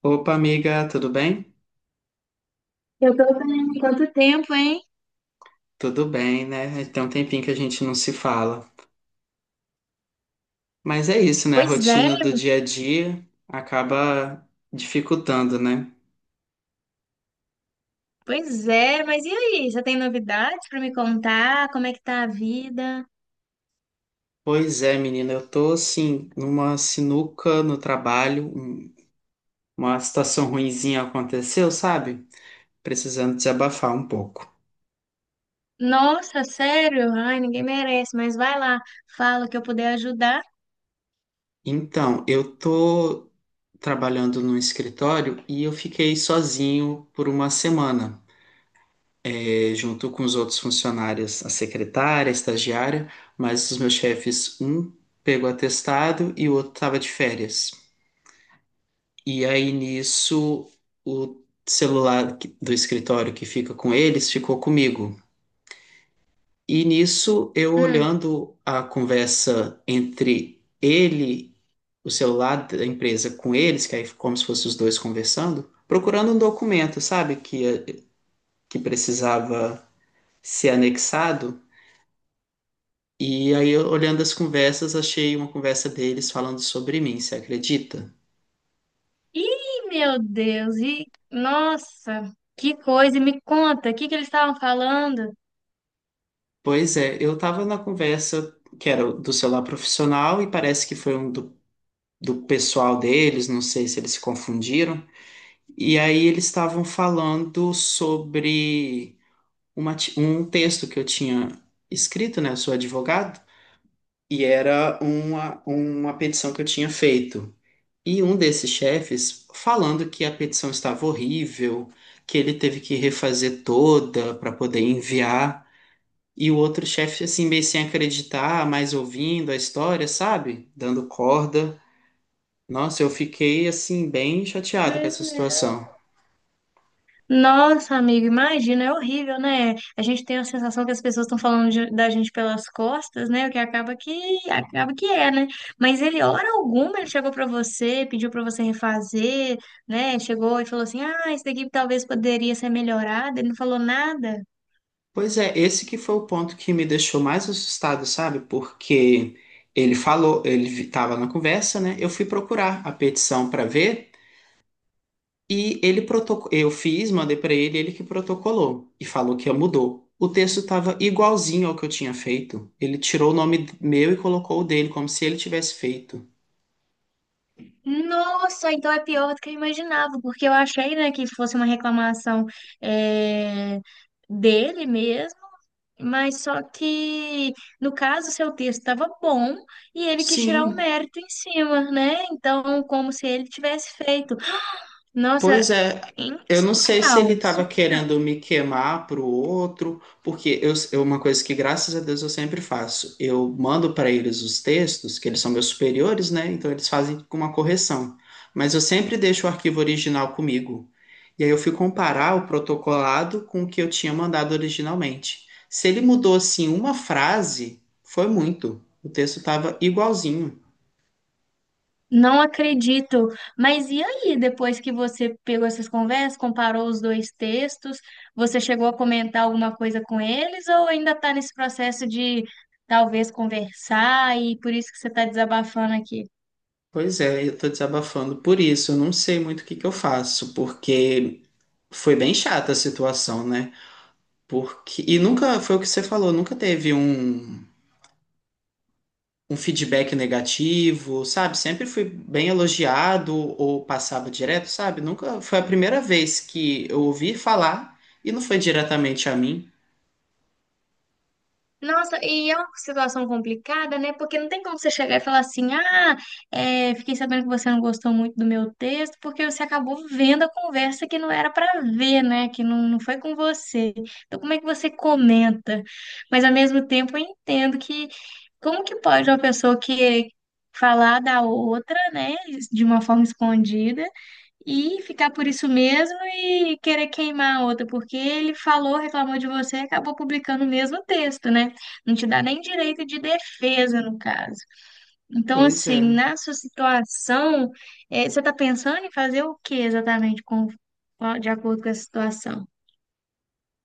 Opa, amiga, tudo bem? Eu tô bem, quanto tempo, hein? Tudo bem, né? Tem um tempinho que a gente não se fala. Mas é isso, né? A Pois é, rotina do dia a dia acaba dificultando, né? pois é, mas e aí? Você tem novidades pra me contar? Como é que tá a vida? Pois é, menina, eu tô assim, numa sinuca no trabalho, uma situação ruinzinha aconteceu, sabe? Precisando desabafar um pouco. Nossa, sério? Ai, ninguém merece, mas vai lá, fala o que eu puder ajudar. Então, eu tô trabalhando num escritório e eu fiquei sozinho por uma semana. Junto com os outros funcionários, a secretária, a estagiária, mas os meus chefes, um pegou atestado e o outro estava de férias. E aí nisso, o celular do escritório que fica com eles ficou comigo. E nisso, eu Hum. olhando a conversa entre ele, o celular da empresa com eles, que aí ficou como se fossem os dois conversando, procurando um documento, sabe, que precisava ser anexado. E aí, eu, olhando as conversas, achei uma conversa deles falando sobre mim, você acredita? Ih, meu Deus, e nossa, que coisa, e me conta, o que que eles estavam falando? Pois é, eu tava na conversa que era do celular profissional e parece que foi um do, do pessoal deles, não sei se eles se confundiram. E aí eles estavam falando sobre um texto que eu tinha escrito, né? Eu sou advogado, e era uma petição que eu tinha feito. E um desses chefes falando que a petição estava horrível, que ele teve que refazer toda para poder enviar. E o outro chefe, assim, meio sem acreditar, mas ouvindo a história, sabe? Dando corda. Nossa, eu fiquei, assim, bem chateado com essa situação. Nossa, amigo, imagina, é horrível, né? A gente tem a sensação que as pessoas estão falando da gente pelas costas, né? O que acaba que acaba que é, né? Mas ele, hora alguma, ele chegou pra você, pediu pra você refazer, né? Chegou e falou assim: "Ah, isso daqui talvez poderia ser melhorado". Ele não falou nada. Pois é, esse que foi o ponto que me deixou mais assustado, sabe? Porque ele falou, ele estava na conversa, né? Eu fui procurar a petição para ver. E ele protocolou, eu fiz, mandei para ele, ele que protocolou e falou que mudou. O texto estava igualzinho ao que eu tinha feito. Ele tirou o nome meu e colocou o dele, como se ele tivesse feito. Nossa, então é pior do que eu imaginava, porque eu achei, né, que fosse uma reclamação eh, dele mesmo. Mas só que, no caso, seu texto estava bom e ele quis tirar o Sim. mérito em cima, né? Então, como se ele tivesse feito. Nossa, Pois é, eu não sei se ele surreal. estava querendo me queimar pro outro, porque uma coisa que graças a Deus eu sempre faço, eu mando para eles os textos, que eles são meus superiores, né? Então eles fazem com uma correção. Mas eu sempre deixo o arquivo original comigo. E aí eu fui comparar o protocolado com o que eu tinha mandado originalmente. Se ele mudou assim uma frase, foi muito. O texto estava igualzinho. Não acredito. Mas e aí, depois que você pegou essas conversas, comparou os dois textos, você chegou a comentar alguma coisa com eles ou ainda está nesse processo de talvez conversar e por isso que você está desabafando aqui? Pois é, eu tô desabafando por isso. Eu não sei muito o que que eu faço, porque foi bem chata a situação, né? Porque e nunca foi o que você falou, nunca teve um, um feedback negativo, sabe? Sempre fui bem elogiado ou passava direto, sabe? Nunca foi a primeira vez que eu ouvi falar e não foi diretamente a mim. Nossa, e é uma situação complicada, né? Porque não tem como você chegar e falar assim: ah, é, fiquei sabendo que você não gostou muito do meu texto, porque você acabou vendo a conversa que não era para ver, né? Que não, não foi com você. Então, como é que você comenta? Mas, ao mesmo tempo, eu entendo que como que pode uma pessoa que falar da outra, né, de uma forma escondida, e ficar por isso mesmo e querer queimar a outra, porque ele falou, reclamou de você e acabou publicando o mesmo texto, né? Não te dá nem direito de defesa, no caso. Então, Pois assim, é. na sua situação, você está pensando em fazer o que exatamente de acordo com a situação?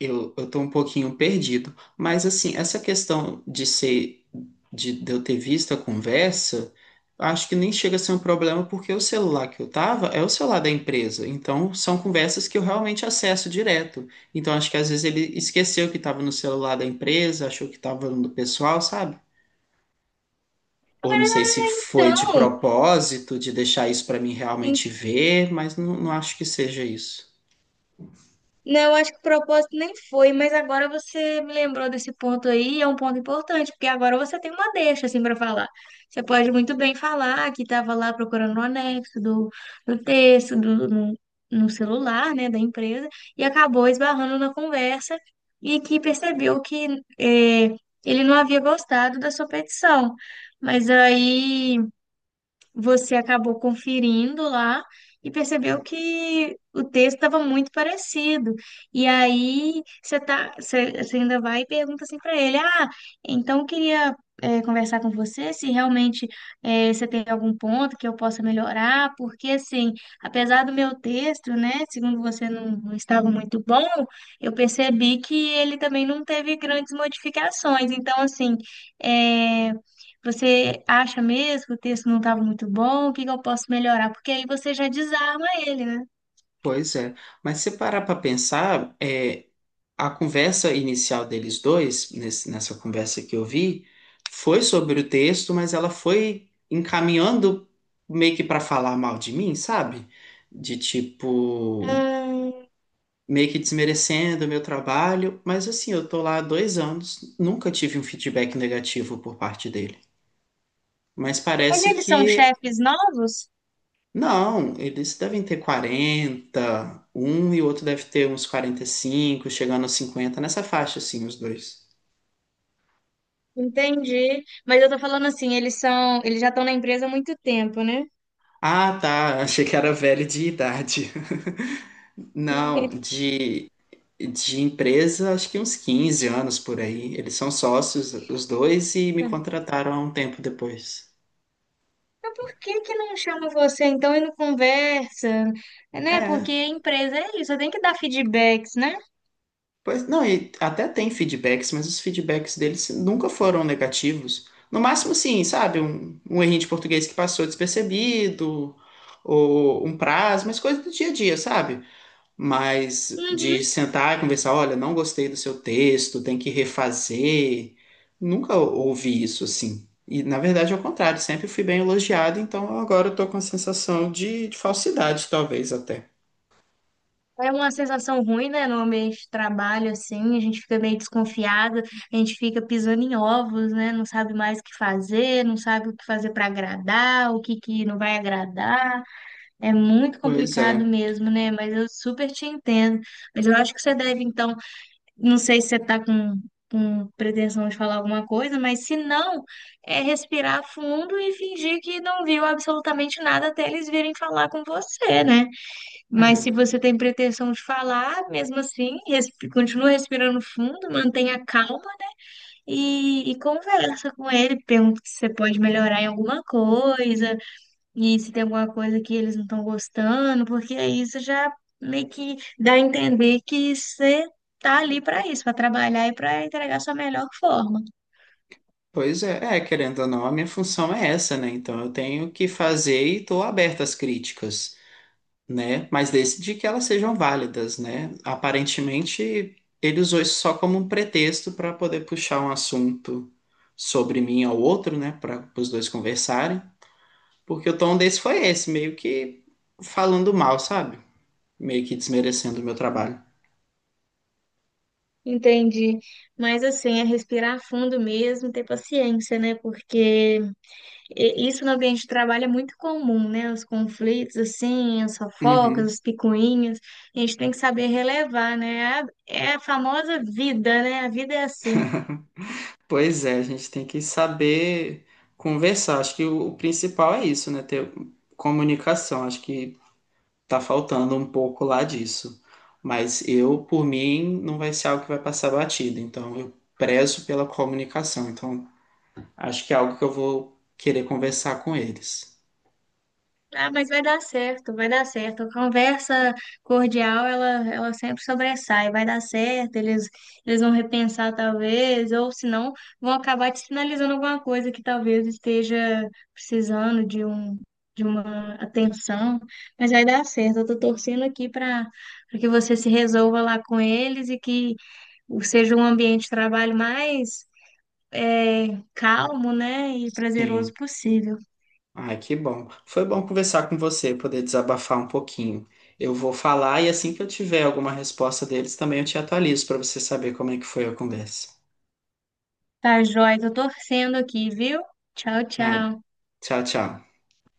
Eu tô um pouquinho perdido, mas assim, essa questão de ser, de eu ter visto a conversa, acho que nem chega a ser um problema, porque o celular que eu tava é o celular da empresa, então são conversas que eu realmente acesso direto. Então acho que às vezes ele esqueceu que tava no celular da empresa, achou que tava no do pessoal, sabe? Ou não sei se foi de Então, propósito, de deixar isso para mim realmente ver, mas não, não acho que seja isso. não, acho que o propósito nem foi, mas agora você me lembrou desse ponto aí, e é um ponto importante, porque agora você tem uma deixa assim para falar. Você pode muito bem falar que estava lá procurando o anexo do texto, do, no, no celular, né, da empresa, e acabou esbarrando na conversa e que percebeu que eh, ele não havia gostado da sua petição. Mas aí você acabou conferindo lá e percebeu que o texto estava muito parecido. E aí você tá, você ainda vai e pergunta assim para ele: Ah, então eu queria conversar com você se realmente você tem algum ponto que eu possa melhorar, porque assim, apesar do meu texto, né, segundo você não, não estava muito bom, eu percebi que ele também não teve grandes modificações. Então, assim, é, você acha mesmo que o texto não estava muito bom? O que que eu posso melhorar? Porque aí você já desarma ele, né? Pois é, mas se parar para pensar, é, a conversa inicial deles dois, nessa conversa que eu vi, foi sobre o texto, mas ela foi encaminhando meio que para falar mal de mim, sabe? De tipo, Hum. meio que desmerecendo o meu trabalho. Mas assim, eu tô lá há 2 anos, nunca tive um feedback negativo por parte dele. Mas Mas parece eles são que. chefes novos? Não, eles devem ter 41 e o outro deve ter uns 45, chegando aos 50 nessa faixa, assim, os dois. Entendi. Mas eu tô falando assim, eles são, eles já estão na empresa há muito tempo, né? Ah, tá. Achei que era velho de idade. Não, de empresa, acho que uns 15 anos por aí. Eles são sócios, os dois, e me contrataram há um tempo depois. Por que que não chama você então e não conversa? É. Né? É, Porque a empresa é isso, você tem que dar feedbacks, né? pois não, e até tem feedbacks, mas os feedbacks deles nunca foram negativos. No máximo, sim, sabe? Um errinho de português que passou despercebido, ou um prazo, mas coisa do dia a dia, sabe? Mas Uhum. de sentar e conversar, olha, não gostei do seu texto, tem que refazer. Nunca ouvi isso assim. E na verdade é o contrário, sempre fui bem elogiado, então agora eu tô com a sensação de falsidade, talvez até. É uma sensação ruim, né? No ambiente de trabalho, assim, a gente fica meio desconfiado, a gente fica pisando em ovos, né? Não sabe mais o que fazer, não sabe o que fazer para agradar, o que que não vai agradar. É muito Pois complicado é. mesmo, né? Mas eu super te entendo. Mas eu acho que você deve, então, não sei se você está com pretensão de falar alguma coisa, mas se não, é respirar fundo e fingir que não viu absolutamente nada até eles virem falar com você, né? Mas se É. você tem pretensão de falar, mesmo assim, continua respirando fundo, mantenha calma e conversa com ele, pergunta se você pode melhorar em alguma coisa e se tem alguma coisa que eles não estão gostando, porque aí isso já meio que dá a entender que você tá ali para isso, para trabalhar e para entregar sua melhor forma. Pois é, é, querendo ou não, a minha função é essa, né? Então eu tenho que fazer e estou aberto às críticas. Né? Mas desde que elas sejam válidas, né? Aparentemente, ele usou isso só como um pretexto para poder puxar um assunto sobre mim ao outro, né? Para os dois conversarem, porque o tom desse foi esse, meio que falando mal, sabe? Meio que desmerecendo o meu trabalho. Entendi. Mas assim, é respirar fundo mesmo, ter paciência, né? Porque isso no ambiente de trabalho é muito comum, né? Os conflitos, assim, as fofocas, Uhum. as picuinhas. A gente tem que saber relevar, né? É a, é a famosa vida, né? A vida é assim. Pois é, a gente tem que saber conversar. Acho que o principal é isso, né? Ter comunicação. Acho que tá faltando um pouco lá disso. Mas eu, por mim, não vai ser algo que vai passar batido. Então, eu prezo pela comunicação. Então, acho que é algo que eu vou querer conversar com eles. Ah, mas vai dar certo, vai dar certo. A conversa cordial, ela sempre sobressai. Vai dar certo, eles vão repensar talvez, ou se não, vão acabar te sinalizando alguma coisa que talvez esteja precisando de um, de uma atenção. Mas vai dar certo. Eu tô torcendo aqui para que você se resolva lá com eles e que seja um ambiente de trabalho mais calmo, né, e Sim. prazeroso possível. Ai, que bom. Foi bom conversar com você, poder desabafar um pouquinho. Eu vou falar e assim que eu tiver alguma resposta deles, também eu te atualizo para você saber como é que foi a conversa. Tá, joia, tô torcendo aqui, viu? Tchau, Ai, tchau. tchau, tchau.